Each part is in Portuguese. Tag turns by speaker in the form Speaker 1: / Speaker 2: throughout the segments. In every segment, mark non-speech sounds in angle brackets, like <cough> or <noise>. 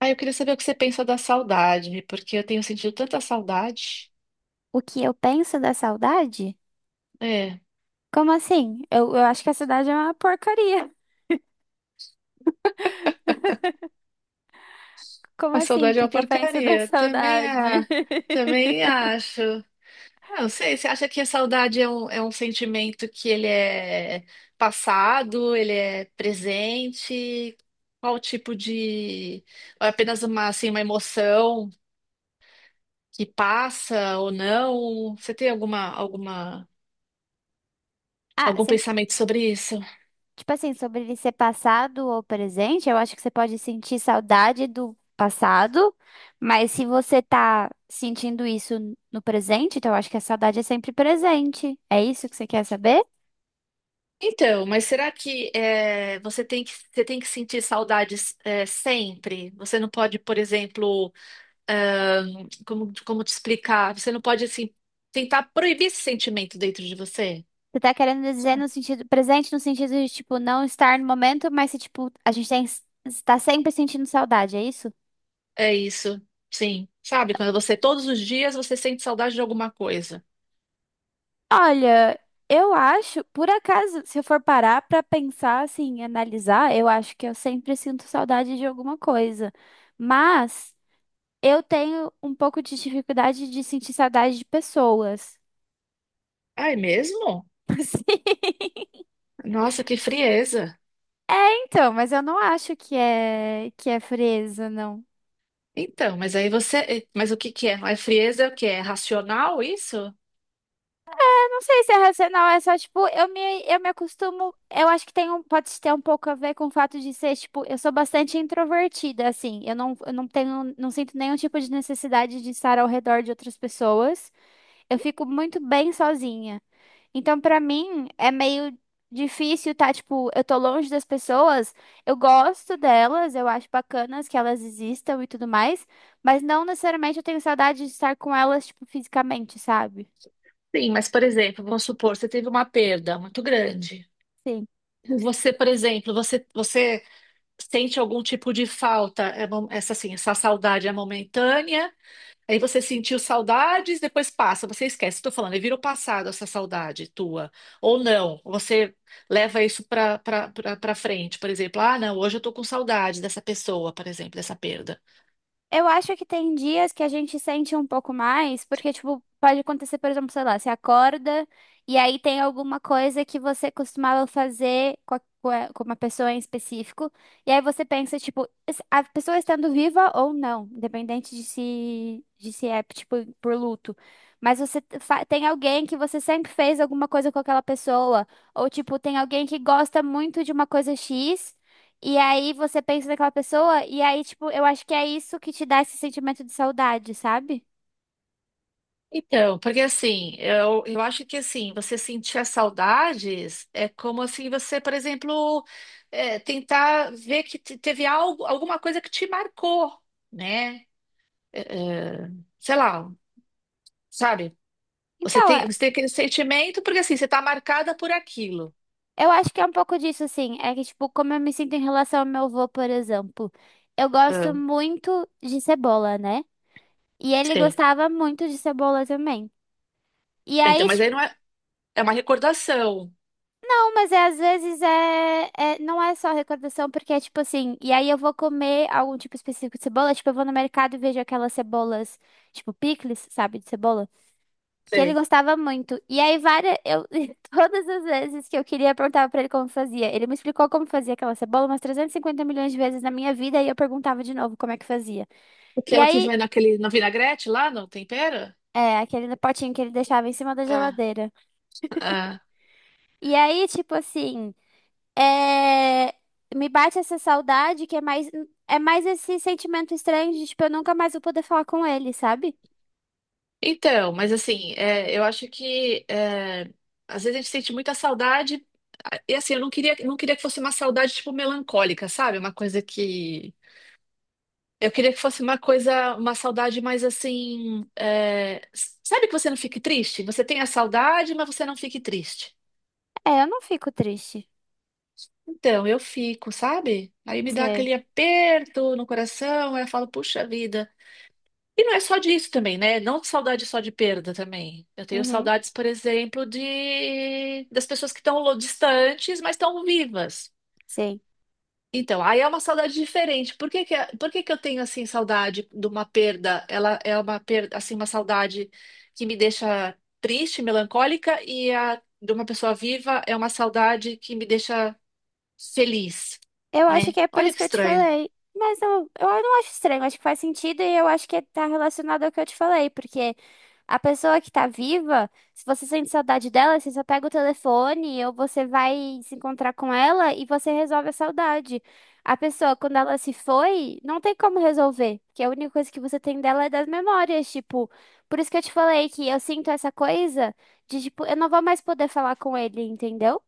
Speaker 1: Ah, eu queria saber o que você pensa da saudade, porque eu tenho sentido tanta saudade.
Speaker 2: O que eu penso da saudade?
Speaker 1: É,
Speaker 2: Como assim? Eu acho que a saudade é uma porcaria. <laughs> Como
Speaker 1: a
Speaker 2: assim? O
Speaker 1: saudade é
Speaker 2: que
Speaker 1: uma
Speaker 2: que eu penso da
Speaker 1: porcaria. Também,
Speaker 2: saudade? <laughs>
Speaker 1: também acho. Ah, não sei, você acha que a saudade é um sentimento que ele é passado, ele é presente? Qual tipo de... Ou é apenas uma, assim, uma emoção que passa ou não? Você tem alguma
Speaker 2: Ah,
Speaker 1: algum
Speaker 2: você-
Speaker 1: pensamento sobre isso?
Speaker 2: tipo assim, sobre ele ser passado ou presente, eu acho que você pode sentir saudade do passado, mas se você tá sentindo isso no presente, então eu acho que a saudade é sempre presente. É isso que você quer saber?
Speaker 1: Então, mas será que é, você tem que sentir saudades é, sempre? Você não pode, por exemplo, como te explicar? Você não pode, assim, tentar proibir esse sentimento dentro de você?
Speaker 2: Você tá querendo dizer
Speaker 1: Sabe?
Speaker 2: no sentido presente, no sentido de, tipo, não estar no momento, mas se, tipo, a gente tem, está sempre sentindo saudade, é isso?
Speaker 1: É isso, sim. Sabe, quando você, todos os dias, você sente saudade de alguma coisa.
Speaker 2: Olha, eu acho, por acaso, se eu for parar pra pensar assim, analisar, eu acho que eu sempre sinto saudade de alguma coisa. Mas eu tenho um pouco de dificuldade de sentir saudade de pessoas.
Speaker 1: Ah, é mesmo?
Speaker 2: <laughs> Sim.
Speaker 1: Nossa, que frieza.
Speaker 2: É, então, mas eu não acho que é frieza, não.
Speaker 1: Então, mas aí você. Mas o que que é? É frieza é o que? É racional isso?
Speaker 2: Não sei se é racional, é só, tipo, eu me acostumo. Eu acho que tem um, pode ter um pouco a ver com o fato de ser, tipo, eu sou bastante introvertida, assim. Eu não tenho, não sinto nenhum tipo de necessidade de estar ao redor de outras pessoas. Eu fico muito bem sozinha. Então, pra mim, é meio difícil, tá? Tipo, eu tô longe das pessoas, eu gosto delas, eu acho bacanas que elas existam e tudo mais, mas não necessariamente eu tenho saudade de estar com elas, tipo, fisicamente, sabe?
Speaker 1: Sim, mas por exemplo, vamos supor, você teve uma perda muito grande.
Speaker 2: Sim.
Speaker 1: Você, por exemplo, você sente algum tipo de falta, é essa assim, essa saudade é momentânea, aí você sentiu saudades, depois passa, você esquece, estou falando, aí vira o passado essa saudade tua. Ou não, você leva isso para frente, por exemplo, ah, não, hoje eu estou com saudade dessa pessoa, por exemplo, dessa perda.
Speaker 2: Eu acho que tem dias que a gente sente um pouco mais, porque, tipo, pode acontecer, por exemplo, sei lá, você acorda e aí tem alguma coisa que você costumava fazer com, com uma pessoa em específico, e aí você pensa, tipo, a pessoa estando viva ou não, independente de se é, tipo, por luto. Mas você tem alguém que você sempre fez alguma coisa com aquela pessoa, ou, tipo, tem alguém que gosta muito de uma coisa X. E aí você pensa naquela pessoa, e aí, tipo, eu acho que é isso que te dá esse sentimento de saudade, sabe?
Speaker 1: Então, porque assim, eu acho que assim, você sentir as saudades é como assim você, por exemplo, é, tentar ver que teve algo, alguma coisa que te marcou, né? É, é, sei lá, sabe?
Speaker 2: Então, é-
Speaker 1: Você tem aquele sentimento porque assim, você está marcada por aquilo.
Speaker 2: eu acho que é um pouco disso, assim. É que, tipo, como eu me sinto em relação ao meu avô, por exemplo. Eu
Speaker 1: Ah,
Speaker 2: gosto muito de cebola, né? E ele
Speaker 1: sei.
Speaker 2: gostava muito de cebola também. E
Speaker 1: Ah, então,
Speaker 2: aí,
Speaker 1: mas aí não
Speaker 2: tipo,
Speaker 1: é, é uma recordação.
Speaker 2: não, mas é, às vezes não é só recordação, porque é tipo assim, e aí eu vou comer algum tipo específico de cebola, tipo, eu vou no mercado e vejo aquelas cebolas, tipo, picles, sabe, de cebola. Que ele
Speaker 1: Sei.
Speaker 2: gostava muito. E aí, várias, eu, <laughs> todas as vezes que eu queria, eu perguntava pra ele como fazia. Ele me explicou como fazia aquela cebola umas 350 milhões de vezes na minha vida e eu perguntava de novo como é que fazia. E
Speaker 1: Aquela que
Speaker 2: aí,
Speaker 1: vai naquele, na vinagrete lá no tempero?
Speaker 2: é, aquele potinho que ele deixava em cima da
Speaker 1: Ah,
Speaker 2: geladeira.
Speaker 1: ah.
Speaker 2: E aí, tipo assim, é, me bate essa saudade que é mais esse sentimento estranho de, tipo, eu nunca mais vou poder falar com ele, sabe?
Speaker 1: Então, mas assim, é, eu acho que é, às vezes a gente sente muita saudade, a- e assim, eu não queria, não queria que fosse uma saudade tipo melancólica, sabe? Uma coisa que. Eu queria que fosse uma coisa, uma saudade mais assim. É, s- sabe que você não fique triste? Você tem a saudade, mas você não fique triste.
Speaker 2: É, eu não fico triste.
Speaker 1: Então, eu fico, sabe? Aí me dá
Speaker 2: Sei.
Speaker 1: aquele aperto no coração, aí eu falo, puxa vida. E não é só disso também, né? Não saudade só de perda também. Eu tenho
Speaker 2: Uhum.
Speaker 1: saudades, por exemplo, de das pessoas que estão lo- distantes, mas estão vivas.
Speaker 2: Sim.
Speaker 1: Então, aí é uma saudade diferente. Por que que eu tenho assim saudade de uma perda? Ela é uma perda, assim, uma saudade que me deixa triste, melancólica, e a de uma pessoa viva é uma saudade que me deixa feliz,
Speaker 2: Eu acho
Speaker 1: né?
Speaker 2: que é por
Speaker 1: Olha
Speaker 2: isso
Speaker 1: que
Speaker 2: que eu te
Speaker 1: estranho.
Speaker 2: falei. Mas eu não acho estranho, acho que faz sentido e eu acho que tá relacionado ao que eu te falei, porque a pessoa que tá viva, se você sente saudade dela, você só pega o telefone ou você vai se encontrar com ela e você resolve a saudade. A pessoa, quando ela se foi, não tem como resolver, porque a única coisa que você tem dela é das memórias, tipo, por isso que eu te falei que eu sinto essa coisa de, tipo, eu não vou mais poder falar com ele, entendeu?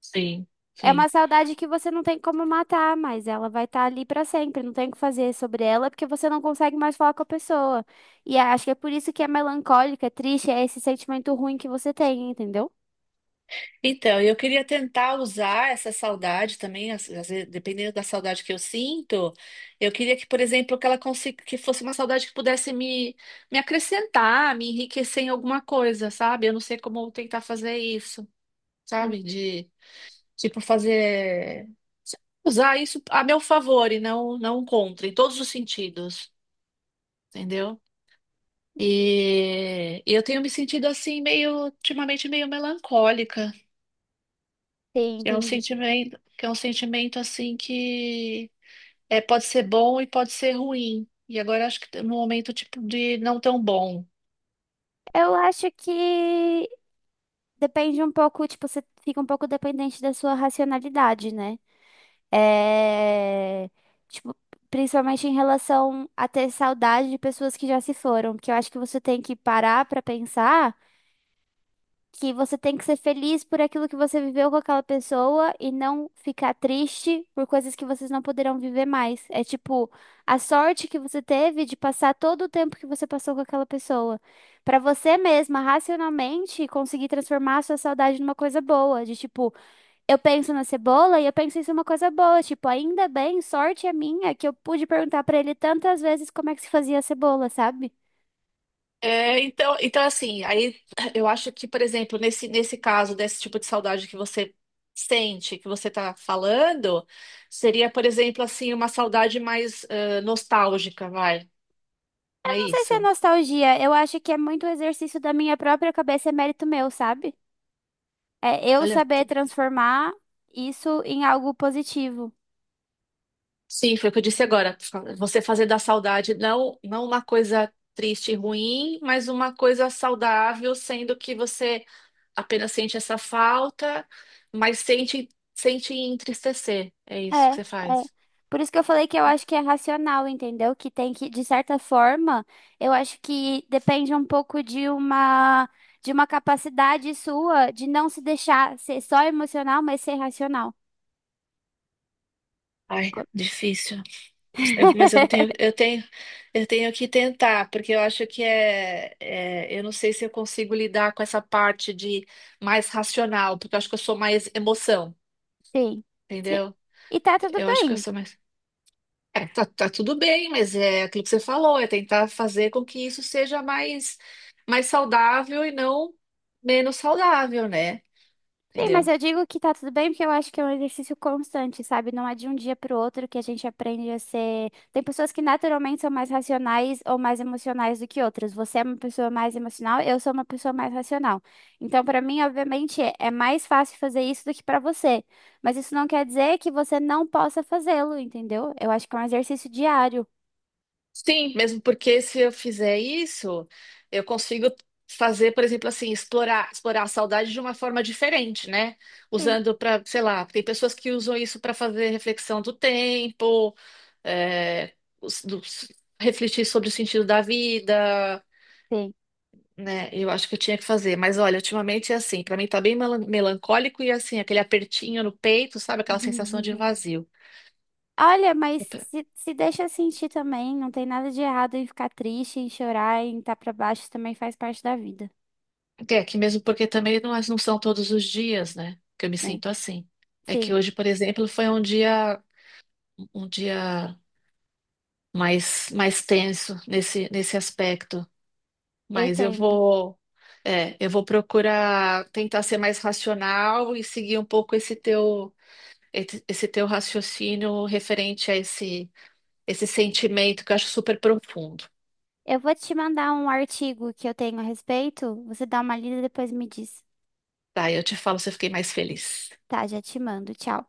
Speaker 1: Sim,
Speaker 2: É
Speaker 1: sim.
Speaker 2: uma saudade que você não tem como matar, mas ela vai estar ali pra sempre. Não tem o que fazer sobre ela, porque você não consegue mais falar com a pessoa. E acho que é por isso que é melancólica, é triste, é esse sentimento ruim que você tem, entendeu?
Speaker 1: Então, eu queria tentar usar essa saudade também, às- às vezes, dependendo da saudade que eu sinto, eu queria que, por exemplo, que ela consiga, que fosse uma saudade que pudesse me acrescentar, me enriquecer em alguma coisa, sabe? Eu não sei como tentar fazer isso,
Speaker 2: Hum,
Speaker 1: sabe? De, tipo, fazer, usar isso a meu favor e não contra, em todos os sentidos, entendeu? E eu tenho me sentido assim, meio, ultimamente, meio melancólica.
Speaker 2: Sim,
Speaker 1: É um
Speaker 2: entendi.
Speaker 1: sentimento, que é um sentimento assim que é, pode ser bom e pode ser ruim. E agora acho que no momento tipo de não tão bom.
Speaker 2: Eu acho que depende um pouco, tipo, você fica um pouco dependente da sua racionalidade, né? É... Tipo, principalmente em relação a ter saudade de pessoas que já se foram, porque eu acho que você tem que parar pra pensar. Que você tem que ser feliz por aquilo que você viveu com aquela pessoa e não ficar triste por coisas que vocês não poderão viver mais. É tipo a sorte que você teve de passar todo o tempo que você passou com aquela pessoa. Pra você mesma, racionalmente, conseguir transformar a sua saudade numa coisa boa. De tipo, eu penso na cebola e eu penso isso é uma coisa boa. Tipo, ainda bem, sorte é minha que eu pude perguntar pra ele tantas vezes como é que se fazia a cebola, sabe?
Speaker 1: É, então assim, aí eu acho que, por exemplo, nesse caso, desse tipo de saudade que você sente, que você tá falando, seria, por exemplo, assim, uma saudade mais eh, nostálgica, vai. Não
Speaker 2: Eu
Speaker 1: é
Speaker 2: não sei se é
Speaker 1: isso?
Speaker 2: nostalgia, eu acho que é muito exercício da minha própria cabeça, é mérito meu, sabe? É eu
Speaker 1: Olha,
Speaker 2: saber transformar isso em algo positivo.
Speaker 1: sim, foi o que eu disse agora. Você fazer da saudade não, não uma coisa triste e ruim, mas uma coisa saudável, sendo que você apenas sente essa falta, mas sente, sente entristecer. É
Speaker 2: É,
Speaker 1: isso que
Speaker 2: é.
Speaker 1: você faz.
Speaker 2: Por isso que eu falei que eu acho que é racional, entendeu? Que tem que, de certa forma, eu acho que depende um pouco de uma capacidade sua de não se deixar ser só emocional, mas ser racional.
Speaker 1: Ai, difícil. Eu-
Speaker 2: <laughs>
Speaker 1: eu tenho que tentar, porque eu acho que é, é, eu não sei se eu consigo lidar com essa parte de mais racional, porque eu acho que eu sou mais emoção,
Speaker 2: Sim. Sim.
Speaker 1: entendeu?
Speaker 2: E tá tudo
Speaker 1: Eu acho que eu
Speaker 2: bem.
Speaker 1: sou mais é, tá, tá tudo bem, mas é aquilo que você falou, é tentar fazer com que isso seja mais saudável e não menos saudável, né?
Speaker 2: Sim, mas
Speaker 1: Entendeu?
Speaker 2: eu digo que tá tudo bem porque eu acho que é um exercício constante, sabe? Não é de um dia pro outro que a gente aprende a ser. Tem pessoas que naturalmente são mais racionais ou mais emocionais do que outras. Você é uma pessoa mais emocional, eu sou uma pessoa mais racional. Então, pra mim, obviamente, é mais fácil fazer isso do que pra você. Mas isso não quer dizer que você não possa fazê-lo, entendeu? Eu acho que é um exercício diário.
Speaker 1: Sim, mesmo porque se eu fizer isso, eu consigo fazer, por exemplo, assim, explorar a saudade de uma forma diferente, né?
Speaker 2: Sim,
Speaker 1: Usando para, sei lá, tem pessoas que usam isso para fazer reflexão do tempo, é, os- do- refletir sobre o sentido da vida,
Speaker 2: sim.
Speaker 1: né? Eu acho que eu tinha que fazer. Mas olha, ultimamente é assim, pra mim tá bem melan- melancólico e assim, aquele apertinho no peito, sabe? Aquela sensação de
Speaker 2: <laughs>
Speaker 1: vazio.
Speaker 2: Olha,
Speaker 1: É,
Speaker 2: mas
Speaker 1: pra-
Speaker 2: se deixa sentir também, não tem nada de errado em ficar triste, em chorar, em estar pra baixo, também faz parte da vida,
Speaker 1: é que mesmo porque também não, é, não são todos os dias, né? Que eu me
Speaker 2: né?
Speaker 1: sinto assim. É que
Speaker 2: Sim,
Speaker 1: hoje, por exemplo, foi um dia mais tenso nesse aspecto.
Speaker 2: eu
Speaker 1: Mas eu
Speaker 2: entendo.
Speaker 1: vou é, eu vou procurar tentar ser mais racional e seguir um pouco esse teu raciocínio referente a esse sentimento que eu acho super profundo.
Speaker 2: Eu vou te mandar um artigo que eu tenho a respeito, você dá uma lida e depois me diz.
Speaker 1: Tá, eu te falo se eu fiquei mais feliz.
Speaker 2: Tá, já te mando. Tchau.